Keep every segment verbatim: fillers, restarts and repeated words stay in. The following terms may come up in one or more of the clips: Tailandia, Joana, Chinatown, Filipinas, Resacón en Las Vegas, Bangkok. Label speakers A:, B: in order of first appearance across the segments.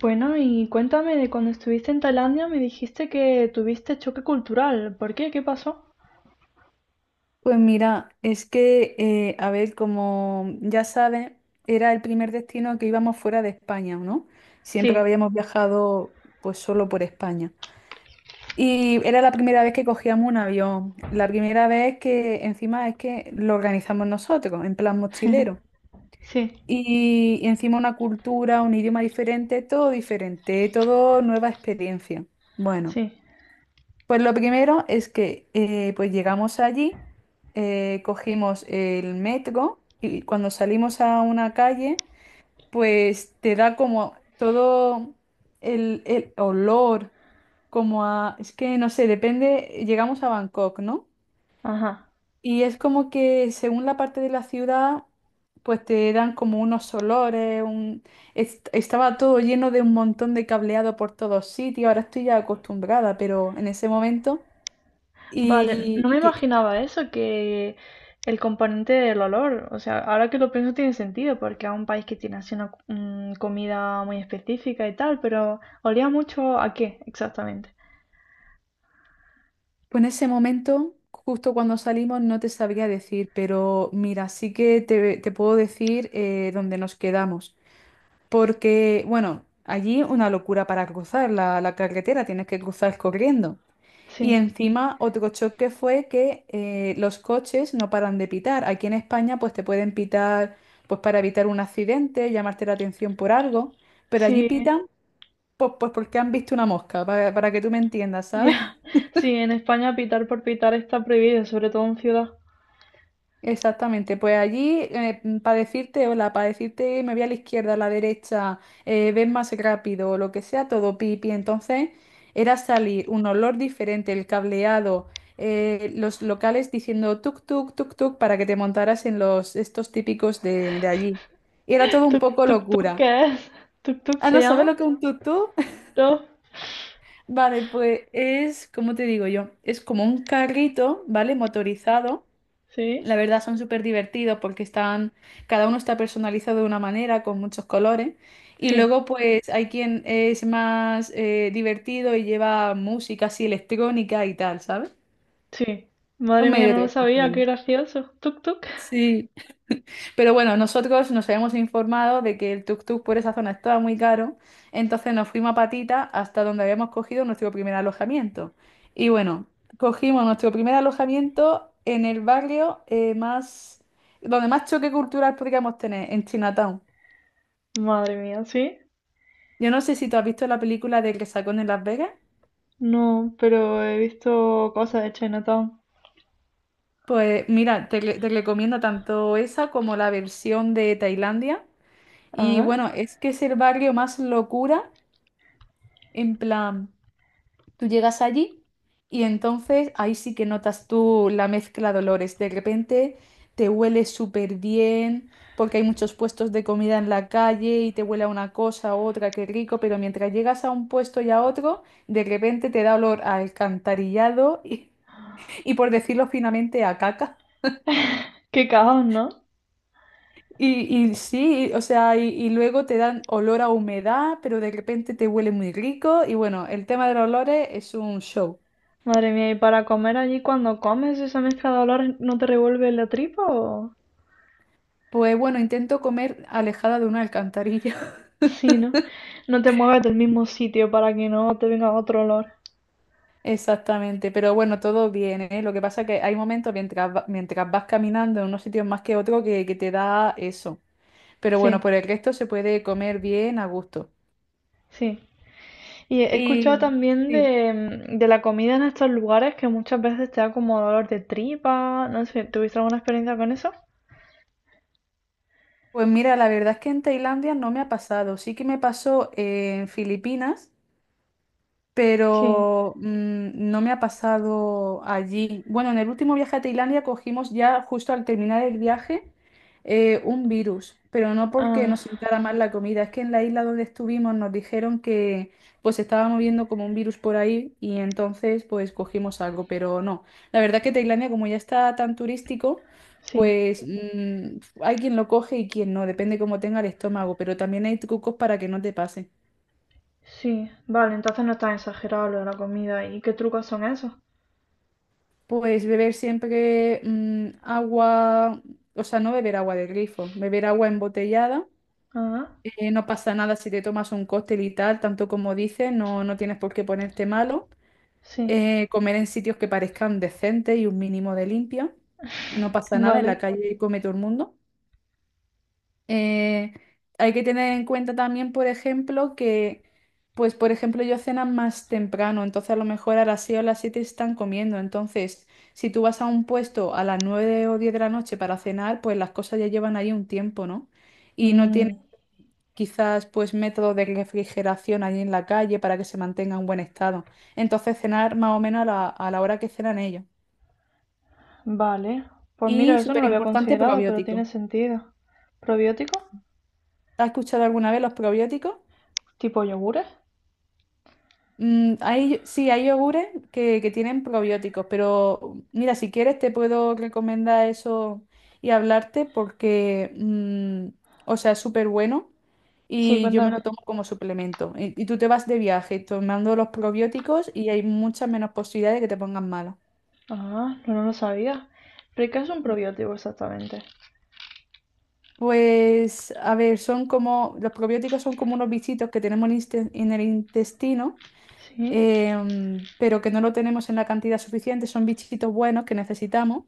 A: Bueno, y cuéntame de cuando estuviste en Tailandia, me dijiste que tuviste choque cultural. ¿Por qué? ¿Qué pasó?
B: Pues mira, es que, eh, a ver, como ya sabes, era el primer destino que íbamos fuera de España, ¿no? Siempre
A: Sí,
B: habíamos viajado pues solo por España. Y era la primera vez que cogíamos un avión, la primera vez que encima es que lo organizamos nosotros, en plan mochilero.
A: sí,
B: Y, y encima una cultura, un idioma diferente, todo diferente, todo nueva experiencia. Bueno.
A: sí.
B: Pues lo primero es que eh, pues llegamos allí, eh, cogimos el metro y cuando salimos a una calle, pues te da como todo el, el olor, como a, es que no sé, depende, llegamos a Bangkok, ¿no?
A: Ajá.
B: Y es como que según la parte de la ciudad, pues te dan como unos olores, un... est- estaba todo lleno de un montón de cableado por todos sitios, ahora estoy ya acostumbrada, pero en ese momento.
A: Vale,
B: Y,
A: no me
B: y que
A: imaginaba eso, que el componente del olor, o sea, ahora que lo pienso tiene sentido, porque es un país que tiene así una mm, comida muy específica y tal, pero olía mucho a qué exactamente.
B: pues en ese momento, justo cuando salimos, no te sabría decir, pero mira, sí que te, te puedo decir eh, dónde nos quedamos. Porque, bueno, allí una locura para cruzar la, la carretera, tienes que cruzar corriendo. Y
A: Sí,
B: encima otro choque fue que eh, los coches no paran de pitar. Aquí en España pues te pueden pitar pues para evitar un accidente, llamarte la atención por algo, pero allí
A: sí,
B: pitan pues, pues porque han visto una mosca, para, para que tú me entiendas, ¿sabes?
A: ya. Sí, en España pitar por pitar está prohibido, sobre todo en ciudad.
B: Exactamente, pues allí para decirte, hola, para decirte me voy a la izquierda, a la derecha, eh, ven más rápido, lo que sea, todo pipi. Entonces era salir un olor diferente, el cableado, eh, los locales diciendo tuk tuk tuk tuk para que te montaras en los estos típicos de, de allí. Y era todo un
A: ¿Tuk
B: poco
A: tuk tuk
B: locura.
A: qué es? ¿Tuk tuk
B: Ah,
A: se
B: ¿no sabes
A: llama?
B: lo que es un tuk tuk?
A: ¿No?
B: Vale, pues es, ¿cómo te digo yo? Es como un carrito, ¿vale? Motorizado.
A: ¿Sí?
B: La verdad, son súper divertidos porque están, cada uno está personalizado de una manera, con muchos colores. Y
A: Sí,
B: luego pues hay quien es más eh, divertido y lleva música así electrónica y tal, ¿sabes?
A: sí.
B: Un
A: Madre mía,
B: medio de
A: no lo
B: transporte
A: sabía, qué
B: allí.
A: gracioso. ¿Tuk tuk?
B: Sí. Pero bueno, nosotros nos habíamos informado de que el tuk-tuk por esa zona estaba muy caro, entonces nos fuimos a patita hasta donde habíamos cogido nuestro primer alojamiento. Y bueno, cogimos nuestro primer alojamiento en el barrio eh, más, donde más choque cultural podríamos tener, en Chinatown.
A: Madre mía, ¿sí?
B: Yo no sé si tú has visto la película de Resacón en Las Vegas.
A: No, pero he visto cosas de Chinatown.
B: Pues mira, te, re- te recomiendo tanto esa como la versión de Tailandia. Y
A: Ah,
B: bueno, es que es el barrio más locura, en plan. Tú llegas allí y entonces ahí sí que notas tú la mezcla de olores. De repente te huele súper bien porque hay muchos puestos de comida en la calle y te huele a una cosa a otra, qué rico, pero mientras llegas a un puesto y a otro, de repente te da olor a alcantarillado y, y por decirlo finamente, a caca.
A: qué caos, ¿no?
B: Y, y sí, y- o sea, y, y luego te dan olor a humedad, pero de repente te huele muy rico y bueno, el tema de los olores es un show.
A: Madre mía, ¿y para comer allí cuando comes esa mezcla de olores no te revuelve la tripa o...?
B: Pues bueno, intento comer alejada de una alcantarilla.
A: Sí, ¿no? No te mueves del mismo sitio para que no te venga otro olor.
B: Exactamente, pero bueno, todo bien, ¿eh? Lo que pasa es que hay momentos mientras, va- mientras vas caminando en unos sitios más que otro que, que te da eso. Pero bueno,
A: Sí,
B: por el resto se puede comer bien a gusto.
A: sí. Y he escuchado
B: Y
A: también
B: sí.
A: de, de la comida en estos lugares que muchas veces te da como dolor de tripa. No sé, ¿tuviste alguna experiencia con eso?
B: Pues mira, la verdad es que en Tailandia no me ha pasado. Sí que me pasó en Filipinas.
A: Sí,
B: Pero mm, no me ha pasado allí. Bueno, en el último viaje a Tailandia cogimos ya justo al terminar el viaje eh, un virus, pero no porque
A: ah,
B: nos sentara mal la comida, es que en la isla donde estuvimos nos dijeron que pues se estaba moviendo como un virus por ahí y entonces pues cogimos algo, pero no. La verdad que Tailandia como ya está tan turístico,
A: sí,
B: pues mm, hay quien lo coge y quien no, depende cómo tenga el estómago, pero también hay trucos para que no te pase.
A: sí. Vale, entonces no es tan exagerado lo de la comida. ¿Y qué trucos son esos?
B: Pues beber siempre mm, agua, o sea, no beber agua de grifo, beber agua embotellada.
A: Ah,
B: Eh, no pasa nada si te tomas un cóctel y tal, tanto como dices, no, no tienes por qué ponerte malo.
A: sí,
B: Eh, comer en sitios que parezcan decentes y un mínimo de limpia. No pasa nada, en
A: vale.
B: la calle come todo el mundo. Eh, Hay que tener en cuenta también, por ejemplo, que, pues, por ejemplo, yo cenan más temprano, entonces a lo mejor a las seis o las siete están comiendo. Entonces, si tú vas a un puesto a las nueve o diez de la noche para cenar, pues las cosas ya llevan ahí un tiempo, ¿no? Y no tienen
A: Mm,
B: quizás, pues, método de refrigeración ahí en la calle para que se mantenga en buen estado. Entonces, cenar más o menos a la, a la hora que cenan ellos.
A: vale. Pues mira,
B: Y
A: eso no
B: súper
A: lo había
B: importante,
A: considerado, pero tiene
B: probiótico.
A: sentido. Probiótico.
B: ¿Has escuchado alguna vez los probióticos?
A: ¿Tipo yogures?
B: Mm, hay, sí, hay yogures que, que tienen probióticos, pero mira, si quieres te puedo recomendar eso y hablarte porque, mm, o sea, es súper bueno
A: Sí,
B: y yo me
A: cuéntame.
B: lo tomo como suplemento. Y, y tú te vas de viaje tomando los probióticos y hay muchas menos posibilidades de que te pongas mala.
A: Ah, no, no lo sabía. ¿Pero qué es un probiótico exactamente?
B: Pues, a ver, son como, los probióticos son como unos bichitos que tenemos en inste- en el intestino.
A: Sí,
B: Em, pero que no lo tenemos en la cantidad suficiente. Son bichitos buenos que necesitamos,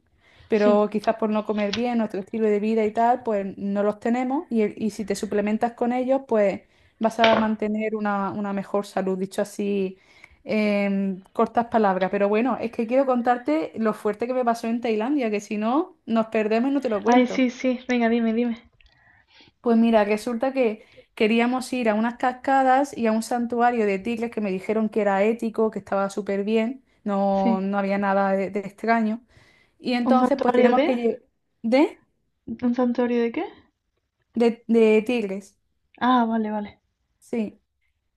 A: sí.
B: pero quizás por no comer bien, nuestro estilo de vida y tal, pues no los tenemos. Y, el- y si te suplementas con ellos, pues vas a mantener una, una mejor salud, dicho así. En cortas palabras, pero bueno, es que quiero contarte lo fuerte que me pasó en Tailandia, que si no, nos perdemos y no te lo
A: Ay,
B: cuento.
A: sí, sí, venga, dime, dime.
B: Pues mira, resulta que queríamos ir a unas cascadas y a un santuario de tigres que me dijeron que era ético, que estaba súper bien, no,
A: Sí.
B: no había nada de, de extraño. Y
A: ¿Un
B: entonces pues
A: santuario
B: tenemos
A: de?
B: que lle- ¿De?
A: ¿Un santuario de qué?
B: De, de tigres,
A: Ah, vale, vale.
B: sí.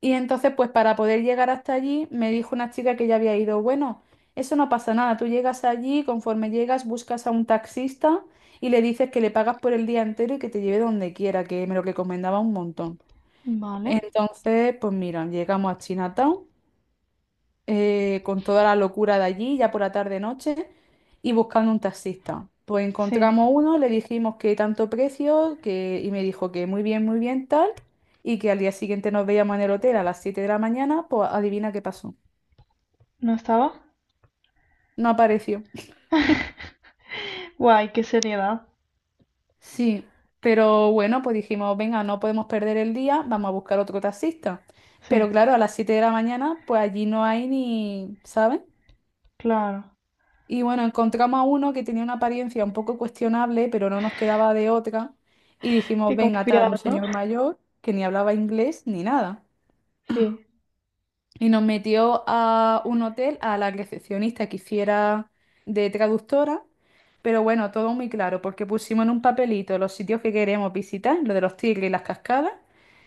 B: Y entonces pues para poder llegar hasta allí me dijo una chica que ya había ido, bueno, eso no pasa nada, tú llegas allí, conforme llegas buscas a un taxista y le dices que le pagas por el día entero y que te lleve donde quiera, que me lo recomendaba un montón.
A: Vale.
B: Entonces, pues mira, llegamos a Chinatown eh, con toda la locura de allí, ya por la tarde-noche, y buscando un taxista. Pues
A: Sí.
B: encontramos uno, le dijimos que tanto precio, que, y me dijo que muy bien, muy bien, tal, y que al día siguiente nos veíamos en el hotel a las siete de la mañana, pues adivina qué pasó.
A: ¿No estaba?
B: No apareció.
A: Guay, qué seriedad.
B: Sí, pero bueno, pues dijimos, venga, no podemos perder el día, vamos a buscar otro taxista. Pero
A: Sí,
B: claro, a las siete de la mañana, pues allí no hay ni, ¿sabes?
A: claro.
B: Y bueno, encontramos a uno que tenía una apariencia un poco cuestionable, pero no nos quedaba de otra. Y dijimos,
A: Qué
B: venga, tal, un
A: confiado, ¿no?
B: señor mayor que ni hablaba inglés ni nada.
A: Sí,
B: Y nos metió a un hotel a la recepcionista que hiciera de traductora. Pero bueno, todo muy claro, porque pusimos en un papelito los sitios que queremos visitar, lo de los tigres y las cascadas,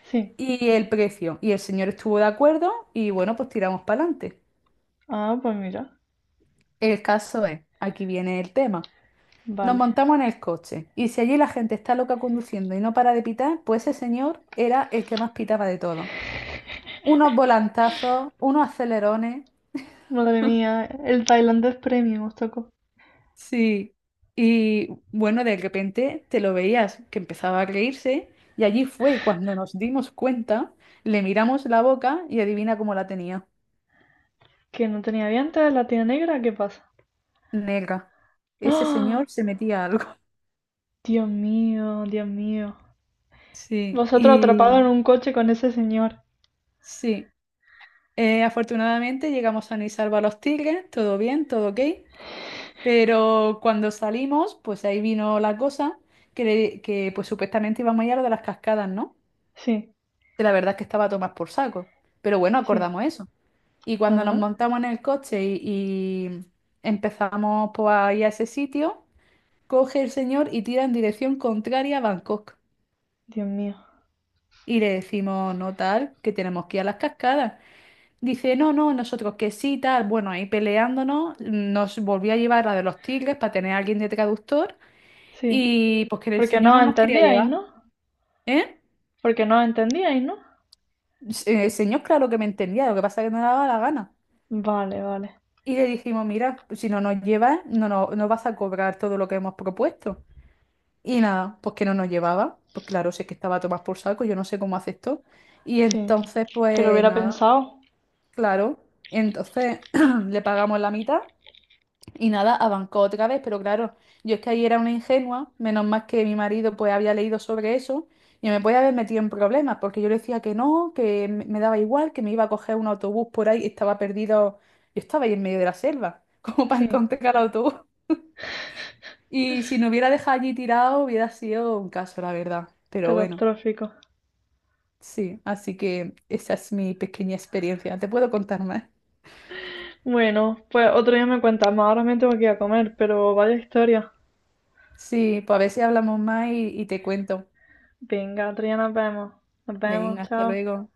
A: sí.
B: y el precio. Y el señor estuvo de acuerdo y bueno, pues tiramos para adelante.
A: Ah, pues mira.
B: El caso es, aquí viene el tema. Nos
A: Vale.
B: montamos en el coche y si allí la gente está loca conduciendo y no para de pitar, pues ese señor era el que más pitaba de todo. Unos volantazos, unos acelerones.
A: Madre mía, el tailandés premium os tocó.
B: Sí. Y bueno, de repente te lo veías que empezaba a reírse y allí fue cuando nos dimos cuenta, le miramos la boca y adivina cómo la tenía.
A: Que no tenía dientes, la tía negra, ¿qué pasa?
B: Negra. Ese
A: ¡Ah!
B: señor se metía algo.
A: Dios mío, Dios mío.
B: Sí.
A: Vosotros atrapados
B: Y
A: en un coche con ese señor.
B: sí. Eh, afortunadamente llegamos a y salvo a los tigres, todo bien, todo ok. Pero cuando salimos, pues ahí vino la cosa que, le- que pues supuestamente íbamos a ir a lo de las cascadas, ¿no?
A: Sí,
B: Que la verdad es que estaba a tomar por saco. Pero bueno,
A: sí.
B: acordamos eso. Y cuando nos
A: Ah,
B: montamos en el coche y, y empezamos pues, a ir a ese sitio, coge el señor y tira en dirección contraria a Bangkok.
A: Dios mío.
B: Y le decimos, no tal, que tenemos que ir a las cascadas. Dice, no, no, nosotros que sí, tal. Bueno, ahí peleándonos, nos volvió a llevar la de los tigres para tener a alguien de traductor.
A: Sí,
B: Y pues que el
A: porque
B: señor
A: no
B: no nos quería
A: entendíais,
B: llevar,
A: ¿no?
B: ¿eh?
A: Porque no entendíais, ¿no?
B: Se- El señor, claro que me entendía, lo que pasa es que no le daba la gana.
A: Vale, vale.
B: Y le dijimos, mira, si no nos llevas, no, no, no vas a cobrar todo lo que hemos propuesto. Y nada, pues que no nos llevaba, pues claro, sé que estaba a tomar por saco, yo no sé cómo aceptó. Y
A: Sí,
B: entonces,
A: que lo
B: pues
A: hubiera
B: nada,
A: pensado.
B: claro, entonces le pagamos la mitad. Y nada, abancó otra vez, pero claro, yo es que ahí era una ingenua, menos mal que mi marido pues había leído sobre eso y me podía haber metido en problemas, porque yo le decía que no, que me me daba igual, que me iba a coger un autobús por ahí, estaba perdido, yo estaba ahí en medio de la selva, como para
A: Sí,
B: encontrar el autobús. Y si no hubiera dejado allí tirado, hubiera sido un caso, la verdad. Pero bueno,
A: catastrófico.
B: sí, así que esa es mi pequeña experiencia. ¿Te puedo contar más?
A: Bueno, pues otro día me cuentas más. Ahora me tengo que ir a comer, pero vaya historia.
B: Sí, pues a ver si hablamos más y, y te cuento.
A: Venga, otro día nos vemos. Nos vemos,
B: Venga, hasta
A: chao.
B: luego.